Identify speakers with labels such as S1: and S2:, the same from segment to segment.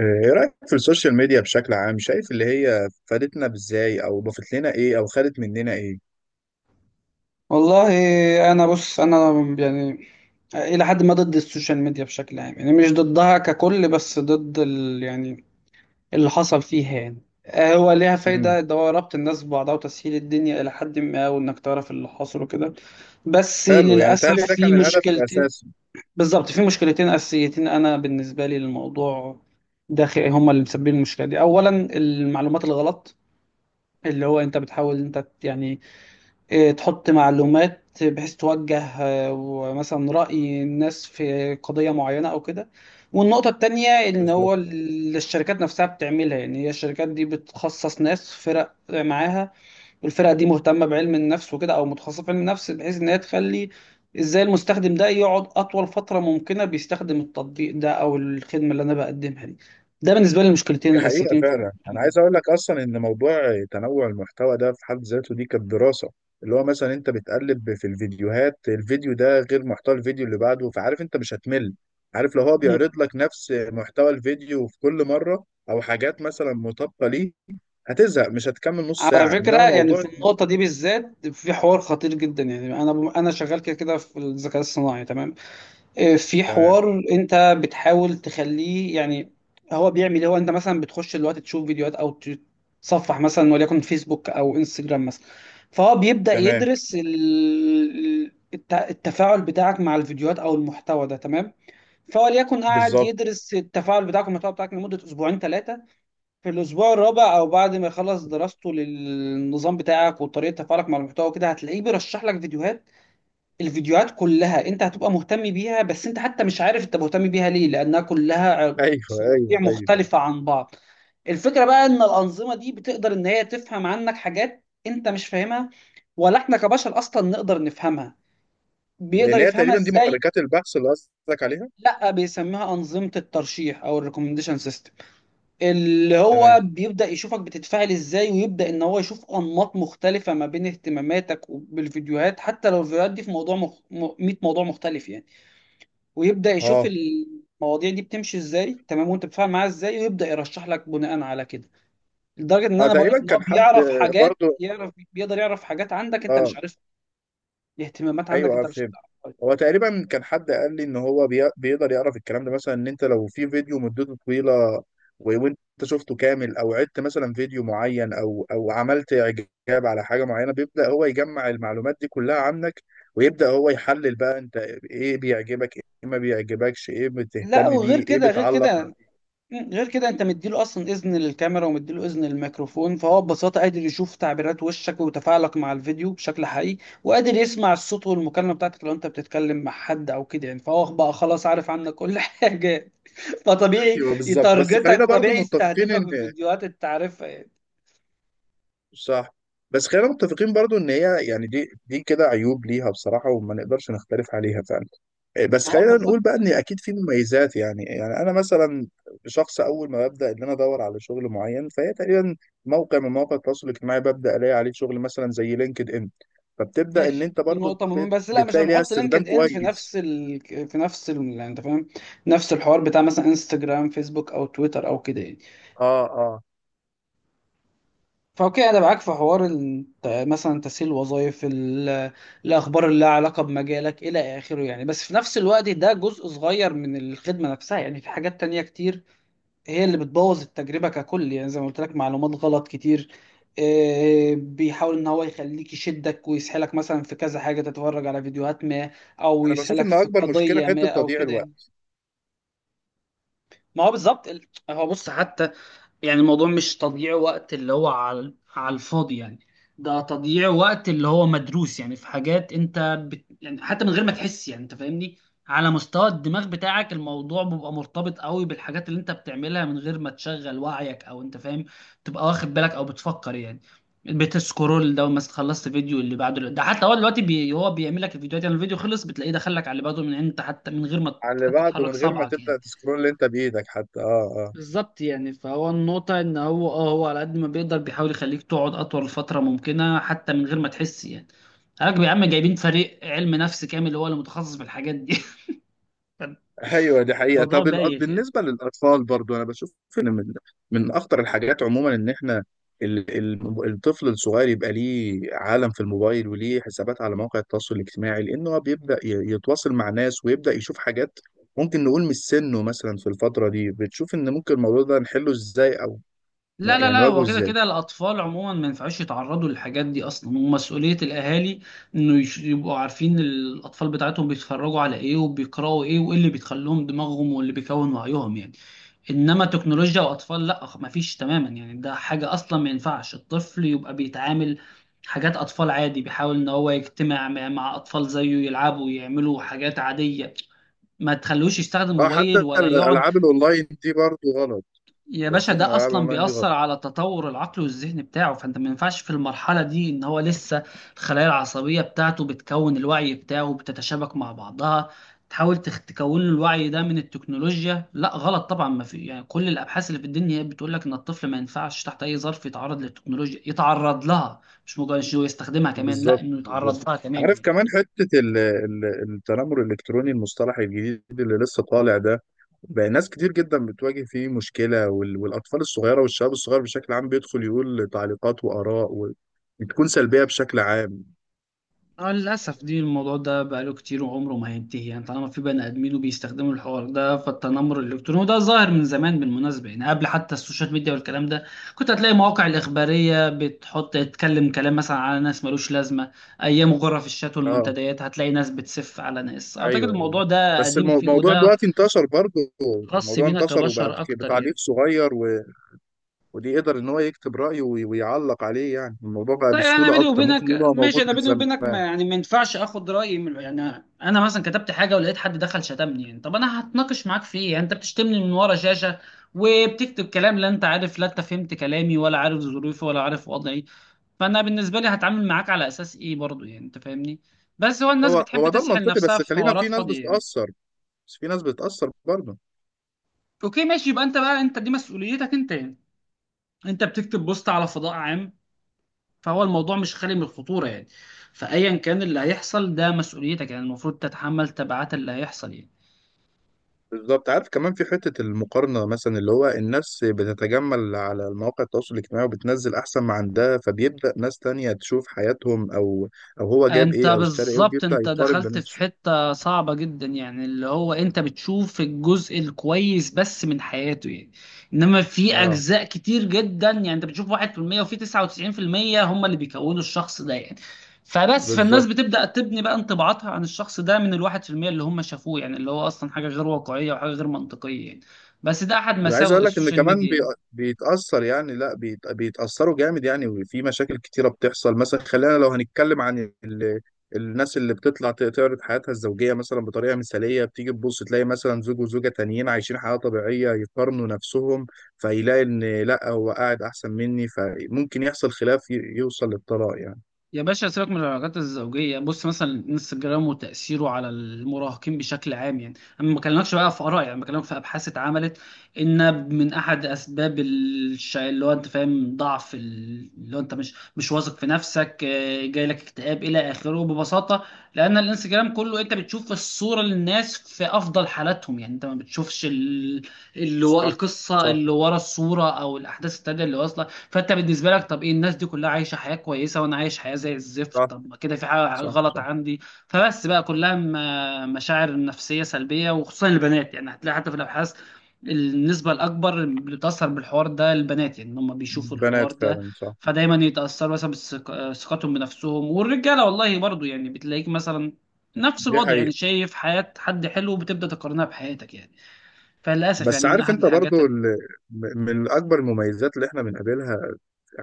S1: آه، ايه رأيك في السوشيال ميديا بشكل عام؟ شايف اللي هي فادتنا بازاي او ضافت لنا ايه او خدت مننا ايه؟
S2: والله، انا بص، يعني الى حد ما ضد السوشيال ميديا بشكل عام. يعني مش ضدها ككل، بس ضد ال، يعني اللي حصل فيها يعني. هو ليها
S1: امم
S2: فايدة، ده هو ربط الناس ببعضها وتسهيل الدنيا إلى حد ما، وإنك تعرف اللي حصل وكده. بس
S1: حلو. يعني
S2: للأسف
S1: تهيألي ده
S2: في
S1: كان الهدف
S2: مشكلتين.
S1: الاساسي.
S2: بالظبط، في مشكلتين أساسيتين أنا بالنسبة لي للموضوع ده. هما اللي مسببين المشكلة دي. أولا، المعلومات الغلط، اللي هو أنت بتحاول يعني، تحط معلومات بحيث توجه، ومثلا رأي الناس في قضية معينة أو كده. والنقطة التانية إن
S1: بالظبط.
S2: هو الشركات نفسها بتعملها. يعني هي الشركات دي بتخصص ناس فرق معاها، والفرقة دي مهتمة بعلم النفس وكده، أو متخصصة في علم النفس، بحيث إن هي تخلي إزاي المستخدم ده يقعد أطول فترة ممكنة بيستخدم التطبيق ده أو الخدمة اللي أنا بقدمها دي. ده بالنسبة لي المشكلتين
S1: دي حقيقة
S2: الأساسيتين.
S1: فعلا، انا عايز اقول لك اصلا ان موضوع تنوع المحتوى ده في حد ذاته دي كانت دراسة. اللي هو مثلا انت بتقلب في الفيديوهات، الفيديو ده غير محتوى الفيديو اللي بعده، فعارف انت مش هتمل. عارف لو هو
S2: في،
S1: بيعرض لك نفس محتوى الفيديو في كل مرة او حاجات مثلا مطابقة ليه، هتزهق، مش هتكمل نص
S2: على
S1: ساعة،
S2: فكرة
S1: انما
S2: يعني
S1: موضوع.
S2: في النقطة دي بالذات في حوار خطير جدا. يعني أنا شغال كده كده في الذكاء الصناعي، تمام؟ في
S1: تمام.
S2: حوار أنت بتحاول تخليه يعني هو بيعمل إيه؟ هو أنت مثلا بتخش دلوقتي تشوف فيديوهات، أو تصفح مثلا وليكن فيسبوك أو انستجرام مثلا، فهو بيبدأ
S1: تمام.
S2: يدرس التفاعل بتاعك مع الفيديوهات أو المحتوى ده، تمام؟ فهو ليكن قاعد
S1: بالظبط.
S2: يدرس التفاعل بتاعك والمحتوى بتاعك لمدة أسبوعين ثلاثة. في الأسبوع الرابع أو بعد ما يخلص دراسته للنظام بتاعك وطريقة تفاعلك مع المحتوى كده، هتلاقيه بيرشح لك فيديوهات. الفيديوهات كلها أنت هتبقى مهتم بيها، بس أنت حتى مش عارف أنت مهتم بيها ليه، لأنها كلها
S1: ايوه، ايوه،
S2: مواضيع
S1: ايوه.
S2: مختلفة عن بعض. الفكرة بقى إن الأنظمة دي بتقدر إن هي تفهم عنك حاجات أنت مش فاهمها، ولا إحنا كبشر أصلا نقدر نفهمها. بيقدر
S1: اللي هي
S2: يفهمها
S1: تقريبا دي
S2: إزاي؟
S1: محركات البحث اللي قصدك عليها.
S2: لأ، بيسميها أنظمة الترشيح أو الريكومنديشن سيستم. اللي هو
S1: تمام.
S2: بيبدأ يشوفك بتتفاعل ازاي، ويبدأ ان هو يشوف انماط مختلفة ما بين اهتماماتك وبالفيديوهات، حتى لو الفيديوهات دي في 100 موضوع مختلف يعني. ويبدأ يشوف
S1: اه،
S2: المواضيع دي بتمشي ازاي، تمام، وانت بتتفاعل معاها ازاي، ويبدأ يرشح لك بناء على كده. لدرجة ان
S1: اه،
S2: انا بقول لك
S1: تقريبا
S2: ان هو
S1: كان حد.
S2: بيعرف حاجات،
S1: برضو.
S2: بيقدر يعرف حاجات عندك انت
S1: اه.
S2: مش عارفها، اهتمامات عندك
S1: ايوه، آه،
S2: انت مش
S1: فهمت.
S2: هتعرفها.
S1: هو تقريبا كان حد قال لي ان هو بيقدر يعرف الكلام ده، مثلا ان انت لو في فيديو مدته طويله وانت شفته كامل او عدت مثلا فيديو معين او عملت اعجاب على حاجه معينه، بيبدا هو يجمع المعلومات دي كلها عنك، ويبدا هو يحلل بقى انت ايه بيعجبك، ايه ما بيعجبكش، ايه
S2: لا،
S1: بتهتم
S2: وغير
S1: بيه، ايه
S2: كده، غير
S1: بتعلق.
S2: كده، غير كده انت مديله اصلا اذن للكاميرا ومديله اذن للميكروفون، فهو ببساطه قادر يشوف تعبيرات وشك وتفاعلك مع الفيديو بشكل حقيقي، وقادر يسمع الصوت والمكالمه بتاعتك لو انت بتتكلم مع حد او كده يعني. فهو بقى خلاص عارف عنك كل حاجه. فطبيعي
S1: ايوه بالظبط، بس خلينا
S2: يتارجتك،
S1: برضو
S2: طبيعي
S1: متفقين
S2: يستهدفك
S1: ان.
S2: بفيديوهات انت عارفها يعني.
S1: صح. بس خلينا متفقين برضو ان هي، يعني دي كده عيوب ليها بصراحه، وما نقدرش نختلف عليها فعلا. إيه، بس
S2: ما هو
S1: خلينا نقول
S2: بالظبط
S1: بقى ان
S2: يعني.
S1: اكيد في مميزات، يعني انا مثلا شخص، اول ما ببدا ان انا ادور على شغل معين، فهي تقريبا موقع من مواقع التواصل الاجتماعي، ببدا الاقي عليه شغل، مثلا زي لينكد ان. فبتبدا ان
S2: ماشي،
S1: انت
S2: دي
S1: برضو
S2: نقطة مهمة، بس لا، مش
S1: بتلاقي ليها
S2: هنحط
S1: استخدام
S2: لينكد ان في
S1: كويس.
S2: نفس يعني انت فاهم، نفس الحوار بتاع مثلا انستجرام، فيسبوك، او تويتر او كده يعني.
S1: اه، اه.
S2: فأوكي، أنا معاك في حوار مثلا تسهيل وظائف الأخبار اللي لها علاقة بمجالك إلى آخره يعني، بس في نفس الوقت ده جزء صغير من الخدمة نفسها. يعني في حاجات تانية كتير هي اللي بتبوظ التجربة ككل يعني، زي ما قلت لك معلومات غلط كتير. بيحاول إن هو يخليك يشدك ويسحلك مثلا في كذا حاجة، تتفرج على فيديوهات ما، أو
S1: انا بشوف
S2: يسحلك
S1: ان
S2: في
S1: اكبر مشكله
S2: قضية
S1: حته
S2: ما أو
S1: تضييع
S2: كده يعني.
S1: الوقت.
S2: ما هو بالظبط هو بص، حتى يعني الموضوع مش تضييع وقت اللي هو على على الفاضي يعني، ده تضييع وقت اللي هو مدروس. يعني في حاجات انت يعني حتى من غير ما تحس، يعني انت فاهمني، على مستوى الدماغ بتاعك الموضوع بيبقى مرتبط قوي بالحاجات اللي انت بتعملها من غير ما تشغل وعيك، او انت فاهم، تبقى واخد بالك او بتفكر يعني. بتسكرول ده مثلا، خلصت فيديو اللي بعده ده، حتى هو دلوقتي هو بيعمل لك الفيديوهات. يعني الفيديو خلص، بتلاقيه دخل لك على اللي بعده، من انت حتى من غير ما
S1: على اللي
S2: حتى
S1: بعده،
S2: تحرك
S1: من غير ما
S2: صبعك يعني.
S1: تبدأ تسكرول اللي انت بإيدك حتى. اه. اه.
S2: بالظبط يعني. فهو النقطة إن هو أه، هو على قد ما بيقدر بيحاول يخليك تقعد أطول فترة ممكنة حتى من غير ما تحس يعني. حضرتك يا عم جايبين فريق علم نفس كامل هو اللي متخصص في الحاجات دي
S1: ايوه دي حقيقة.
S2: الموضوع
S1: طب
S2: بايخ يعني.
S1: بالنسبة للأطفال برضو انا بشوف ان من اخطر الحاجات عموما ان احنا الطفل الصغير يبقى ليه عالم في الموبايل وليه حسابات على مواقع التواصل الاجتماعي، لأنه هو بيبدأ يتواصل مع ناس ويبدأ يشوف حاجات ممكن نقول مش سنه. مثلا في الفترة دي، بتشوف ان ممكن الموضوع ده نحله ازاي، او
S2: لا لا
S1: يعني
S2: لا
S1: نواجهه
S2: هو كده
S1: ازاي؟
S2: كده الأطفال عموما ما ينفعوش يتعرضوا للحاجات دي أصلا. ومسؤولية الأهالي يبقوا عارفين الأطفال بتاعتهم بيتفرجوا على إيه، وبيقرأوا إيه، وإيه اللي بيخليهم دماغهم واللي بيكون وعيهم يعني. انما تكنولوجيا واطفال، لا، ما فيش تماما يعني. ده حاجه اصلا ما ينفعش الطفل يبقى بيتعامل. حاجات اطفال عادي، بيحاول ان هو يجتمع مع اطفال زيه، يلعبوا، يعملوا حاجات عاديه. ما تخلوش يستخدم
S1: اه حتى
S2: موبايل ولا يقعد.
S1: الألعاب الأونلاين دي برضو غلط.
S2: يا
S1: انت
S2: باشا،
S1: بتشوف ان
S2: ده
S1: الألعاب
S2: اصلا
S1: الأونلاين دي غلط؟
S2: بيأثر على تطور العقل والذهن بتاعه. فانت ما ينفعش في المرحله دي ان هو لسه الخلايا العصبيه بتاعته بتكون، الوعي بتاعه بتتشابك مع بعضها، تحاول تكون له الوعي ده من التكنولوجيا. لا، غلط طبعا، ما في يعني. كل الابحاث اللي في الدنيا هي بتقول لك ان الطفل ما ينفعش تحت اي ظرف يتعرض للتكنولوجيا، يتعرض لها مش مجرد إنه يستخدمها كمان، لا،
S1: بالظبط،
S2: انه
S1: بالظبط.
S2: يتعرض لها كمان
S1: عارف
S2: يعني.
S1: كمان حتة التنمر الإلكتروني، المصطلح الجديد اللي لسه طالع ده، بقى ناس كتير جدا بتواجه فيه مشكلة، والأطفال الصغيرة والشباب الصغير بشكل عام بيدخل يقول تعليقات وآراء بتكون سلبية بشكل عام.
S2: اه، للأسف دي، الموضوع ده بقاله كتير وعمره ما هينتهي يعني. طالما في بني آدمين وبيستخدموا الحوار ده، فالتنمر الإلكتروني، وده ظاهر من زمان بالمناسبة يعني، قبل حتى السوشيال ميديا والكلام ده كنت هتلاقي مواقع الإخبارية بتحط تتكلم كلام مثلا على ناس ملوش لازمة. أيام غرف الشات
S1: اه،
S2: والمنتديات هتلاقي ناس بتسف على ناس. أعتقد
S1: ايوه، ايوه.
S2: الموضوع ده
S1: بس
S2: قديم فيه،
S1: الموضوع
S2: وده
S1: دلوقتي انتشر برضه.
S2: خاص
S1: الموضوع
S2: بينا
S1: انتشر وبقى
S2: كبشر أكتر
S1: بتعليق
S2: يعني.
S1: صغير، و... ودي يقدر ان هو يكتب رأيه ويعلق عليه، يعني الموضوع بقى
S2: طيب انا
S1: بسهولة
S2: بيني
S1: اكتر، ممكن
S2: وبينك
S1: يبقى
S2: ماشي،
S1: موجود
S2: انا
S1: من
S2: بيني وبينك ما
S1: زمان.
S2: يعني ما ينفعش اخد رايي من يعني. انا مثلا كتبت حاجه ولقيت حد دخل شتمني يعني، طب انا هتناقش معاك في ايه؟ يعني انت بتشتمني من ورا شاشه، وبتكتب كلام، لا انت عارف، لا انت فهمت كلامي، ولا عارف ظروفي، ولا عارف وضعي. فانا بالنسبه لي هتعامل معاك على اساس ايه برضو يعني؟ انت فاهمني. بس هو الناس
S1: هو
S2: بتحب
S1: هو ده
S2: تسحل
S1: المنطقي،
S2: نفسها
S1: بس
S2: في
S1: خلينا، في
S2: حوارات
S1: ناس
S2: فاضيه يعني.
S1: بتتأثر. بس في ناس بتتأثر برضه.
S2: اوكي، ماشي، يبقى انت بقى انت، دي مسؤوليتك انت يعني. انت بتكتب بوست على فضاء عام، فهو الموضوع مش خالي من الخطورة يعني. فأيا كان اللي هيحصل ده مسؤوليتك يعني، المفروض تتحمل تبعات اللي هيحصل يعني.
S1: بالظبط. عارف كمان في حتة المقارنة، مثلا اللي هو الناس بتتجمل على مواقع التواصل الاجتماعي وبتنزل أحسن ما عندها، فبيبدأ ناس تانية تشوف حياتهم، أو أو هو جاب
S2: انت
S1: إيه أو اشترى إيه،
S2: بالظبط،
S1: وبيبدأ
S2: انت
S1: يقارن
S2: دخلت في
S1: بنفسه.
S2: حتة صعبة جدا يعني، اللي هو انت بتشوف الجزء الكويس بس من حياته يعني. انما في
S1: اه
S2: اجزاء كتير جدا يعني، انت بتشوف 1%، وفي 99% هم اللي بيكونوا الشخص ده يعني. فبس، فالناس
S1: بالظبط.
S2: بتبدأ تبني بقى انطباعاتها عن الشخص ده من الواحد في المية اللي هم شافوه يعني، اللي هو اصلا حاجة غير واقعية وحاجة غير منطقية يعني. بس ده احد
S1: عايز
S2: مساوئ
S1: اقول لك ان
S2: السوشيال
S1: كمان
S2: ميديا يعني.
S1: بيتاثر، يعني لا بيتاثروا جامد يعني، وفي مشاكل كتيره بتحصل، مثلا خلينا لو هنتكلم عن ال... الناس اللي بتطلع تعرض حياتها الزوجيه مثلا بطريقه مثاليه، بتيجي تبص تلاقي مثلا زوج وزوجه تانيين عايشين حياه طبيعيه يقارنوا نفسهم، فيلاقي ان لا هو قاعد احسن مني، فممكن يحصل خلاف يوصل للطلاق يعني.
S2: يا باشا، سيبك من العلاقات الزوجية، بص مثلا انستجرام وتأثيره على المراهقين بشكل عام يعني. انا ما بكلمكش بقى في آراء يعني، بكلمك في أبحاث اتعملت، ان من احد اسباب الشيء اللي هو انت فاهم، ضعف اللي هو انت مش واثق في نفسك، جاي لك اكتئاب الى اخره ببساطة، لان الانستجرام كله انت بتشوف الصورة للناس في افضل حالاتهم يعني. انت ما اللي هو
S1: صح.
S2: القصة
S1: صح.
S2: اللي ورا الصورة او الاحداث التانية اللي واصلة. فانت بالنسبه لك، طب ايه، الناس دي كلها عايشه حياه كويسه، وانا عايش حياه زي الزفت،
S1: صح.
S2: طب ما كده في حاجه
S1: صح.
S2: غلط
S1: صح.
S2: عندي. فبس بقى كلها مشاعر نفسيه سلبيه، وخصوصا البنات يعني. هتلاقي حتى في الابحاث النسبه الاكبر اللي بتاثر بالحوار ده البنات يعني، إن هم بيشوفوا الحوار
S1: بنات
S2: ده،
S1: فعلا، صح.
S2: فدايما يتاثروا مثلا ثقتهم بنفسهم. والرجاله والله برضو يعني، بتلاقيك مثلا نفس
S1: دي
S2: الوضع يعني،
S1: حقيقه.
S2: شايف حياه حد حلو وبتبدا تقارنها بحياتك يعني. فللاسف
S1: بس
S2: يعني، من
S1: عارف،
S2: احد
S1: انت
S2: الحاجات
S1: برضو
S2: اللي،
S1: ال... من اكبر المميزات اللي احنا بنقابلها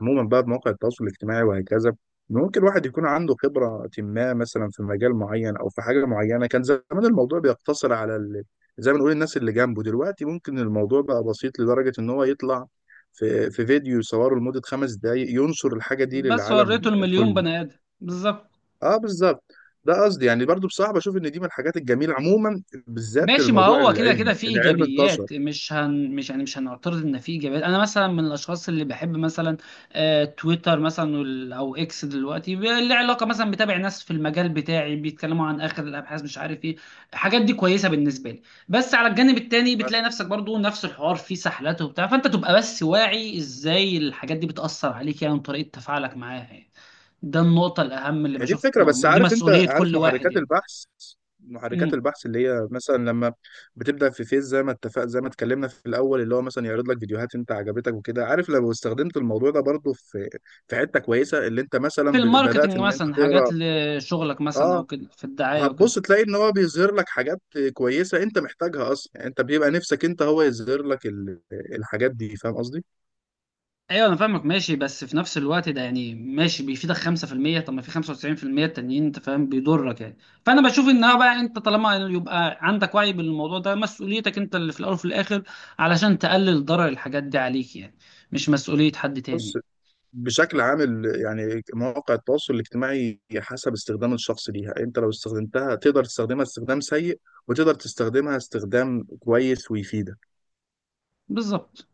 S1: عموما بقى بمواقع التواصل الاجتماعي وهكذا، ممكن الواحد يكون عنده خبرة ما، مثلا في مجال معين أو في حاجة معينة. كان زمان الموضوع بيقتصر على ال... زي ما نقول الناس اللي جنبه، دلوقتي ممكن الموضوع بقى بسيط لدرجة إن هو يطلع في فيديو يصوره لمدة 5 دقايق ينشر الحاجة دي
S2: بس وريته
S1: للعالم
S2: المليون
S1: كله.
S2: بني ادم بالظبط.
S1: اه، بالظبط. ده قصدي. يعني برضو بصراحة بشوف إن دي من الحاجات الجميلة عموما، بالذات
S2: ماشي، ما
S1: الموضوع
S2: هو كده كده
S1: العلمي،
S2: في
S1: العلم انتشر.
S2: ايجابيات، مش هن مش يعني مش هنعترض ان في ايجابيات. انا مثلا من الاشخاص اللي بحب مثلا آه تويتر مثلا او اكس دلوقتي، اللي علاقه مثلا بتابع ناس في المجال بتاعي بيتكلموا عن اخر الابحاث، مش عارف ايه، الحاجات دي كويسه بالنسبه لي. بس على الجانب التاني بتلاقي نفسك برضو نفس الحوار فيه سحلاته وبتاع، فانت تبقى بس واعي ازاي الحاجات دي بتاثر عليك يعني، وطريقه تفاعلك معاها يعني. ده النقطه الاهم اللي
S1: هي دي
S2: بشوف،
S1: الفكرة. بس
S2: دي
S1: عارف، انت
S2: مسؤوليه
S1: عارف
S2: كل
S1: محركات
S2: واحد
S1: البحث؟ محركات
S2: يعني.
S1: البحث اللي هي مثلا لما بتبدأ في فيس، زي ما اتفق، زي ما اتكلمنا في الأول، اللي هو مثلا يعرض لك فيديوهات انت عجبتك وكده، عارف لو استخدمت الموضوع ده برضو في في حتة كويسة، اللي انت
S2: في
S1: مثلا بدأت
S2: الماركتنج
S1: ان انت
S2: مثلا، حاجات
S1: تقرا.
S2: لشغلك مثلا
S1: اه،
S2: او كده، في الدعايه او كده.
S1: هتبص تلاقي ان هو بيظهر لك حاجات كويسة انت محتاجها اصلا، يعني انت بيبقى نفسك انت هو يظهر لك الحاجات دي، فاهم قصدي؟
S2: ايوه انا فاهمك، ماشي، بس في نفس الوقت ده يعني، ماشي بيفيدك 5%، طب ما في 95% التانيين انت فاهم بيضرك يعني. فانا بشوف انها بقى انت طالما يبقى عندك وعي بالموضوع ده، مسؤوليتك انت اللي في الاول وفي الاخر علشان تقلل ضرر الحاجات دي عليك يعني، مش مسؤوليه حد
S1: بص،
S2: تاني.
S1: بشكل عام يعني مواقع التواصل الاجتماعي حسب استخدام الشخص ليها، انت لو استخدمتها تقدر تستخدمها استخدام سيء، وتقدر تستخدمها استخدام كويس ويفيدك.
S2: بالظبط.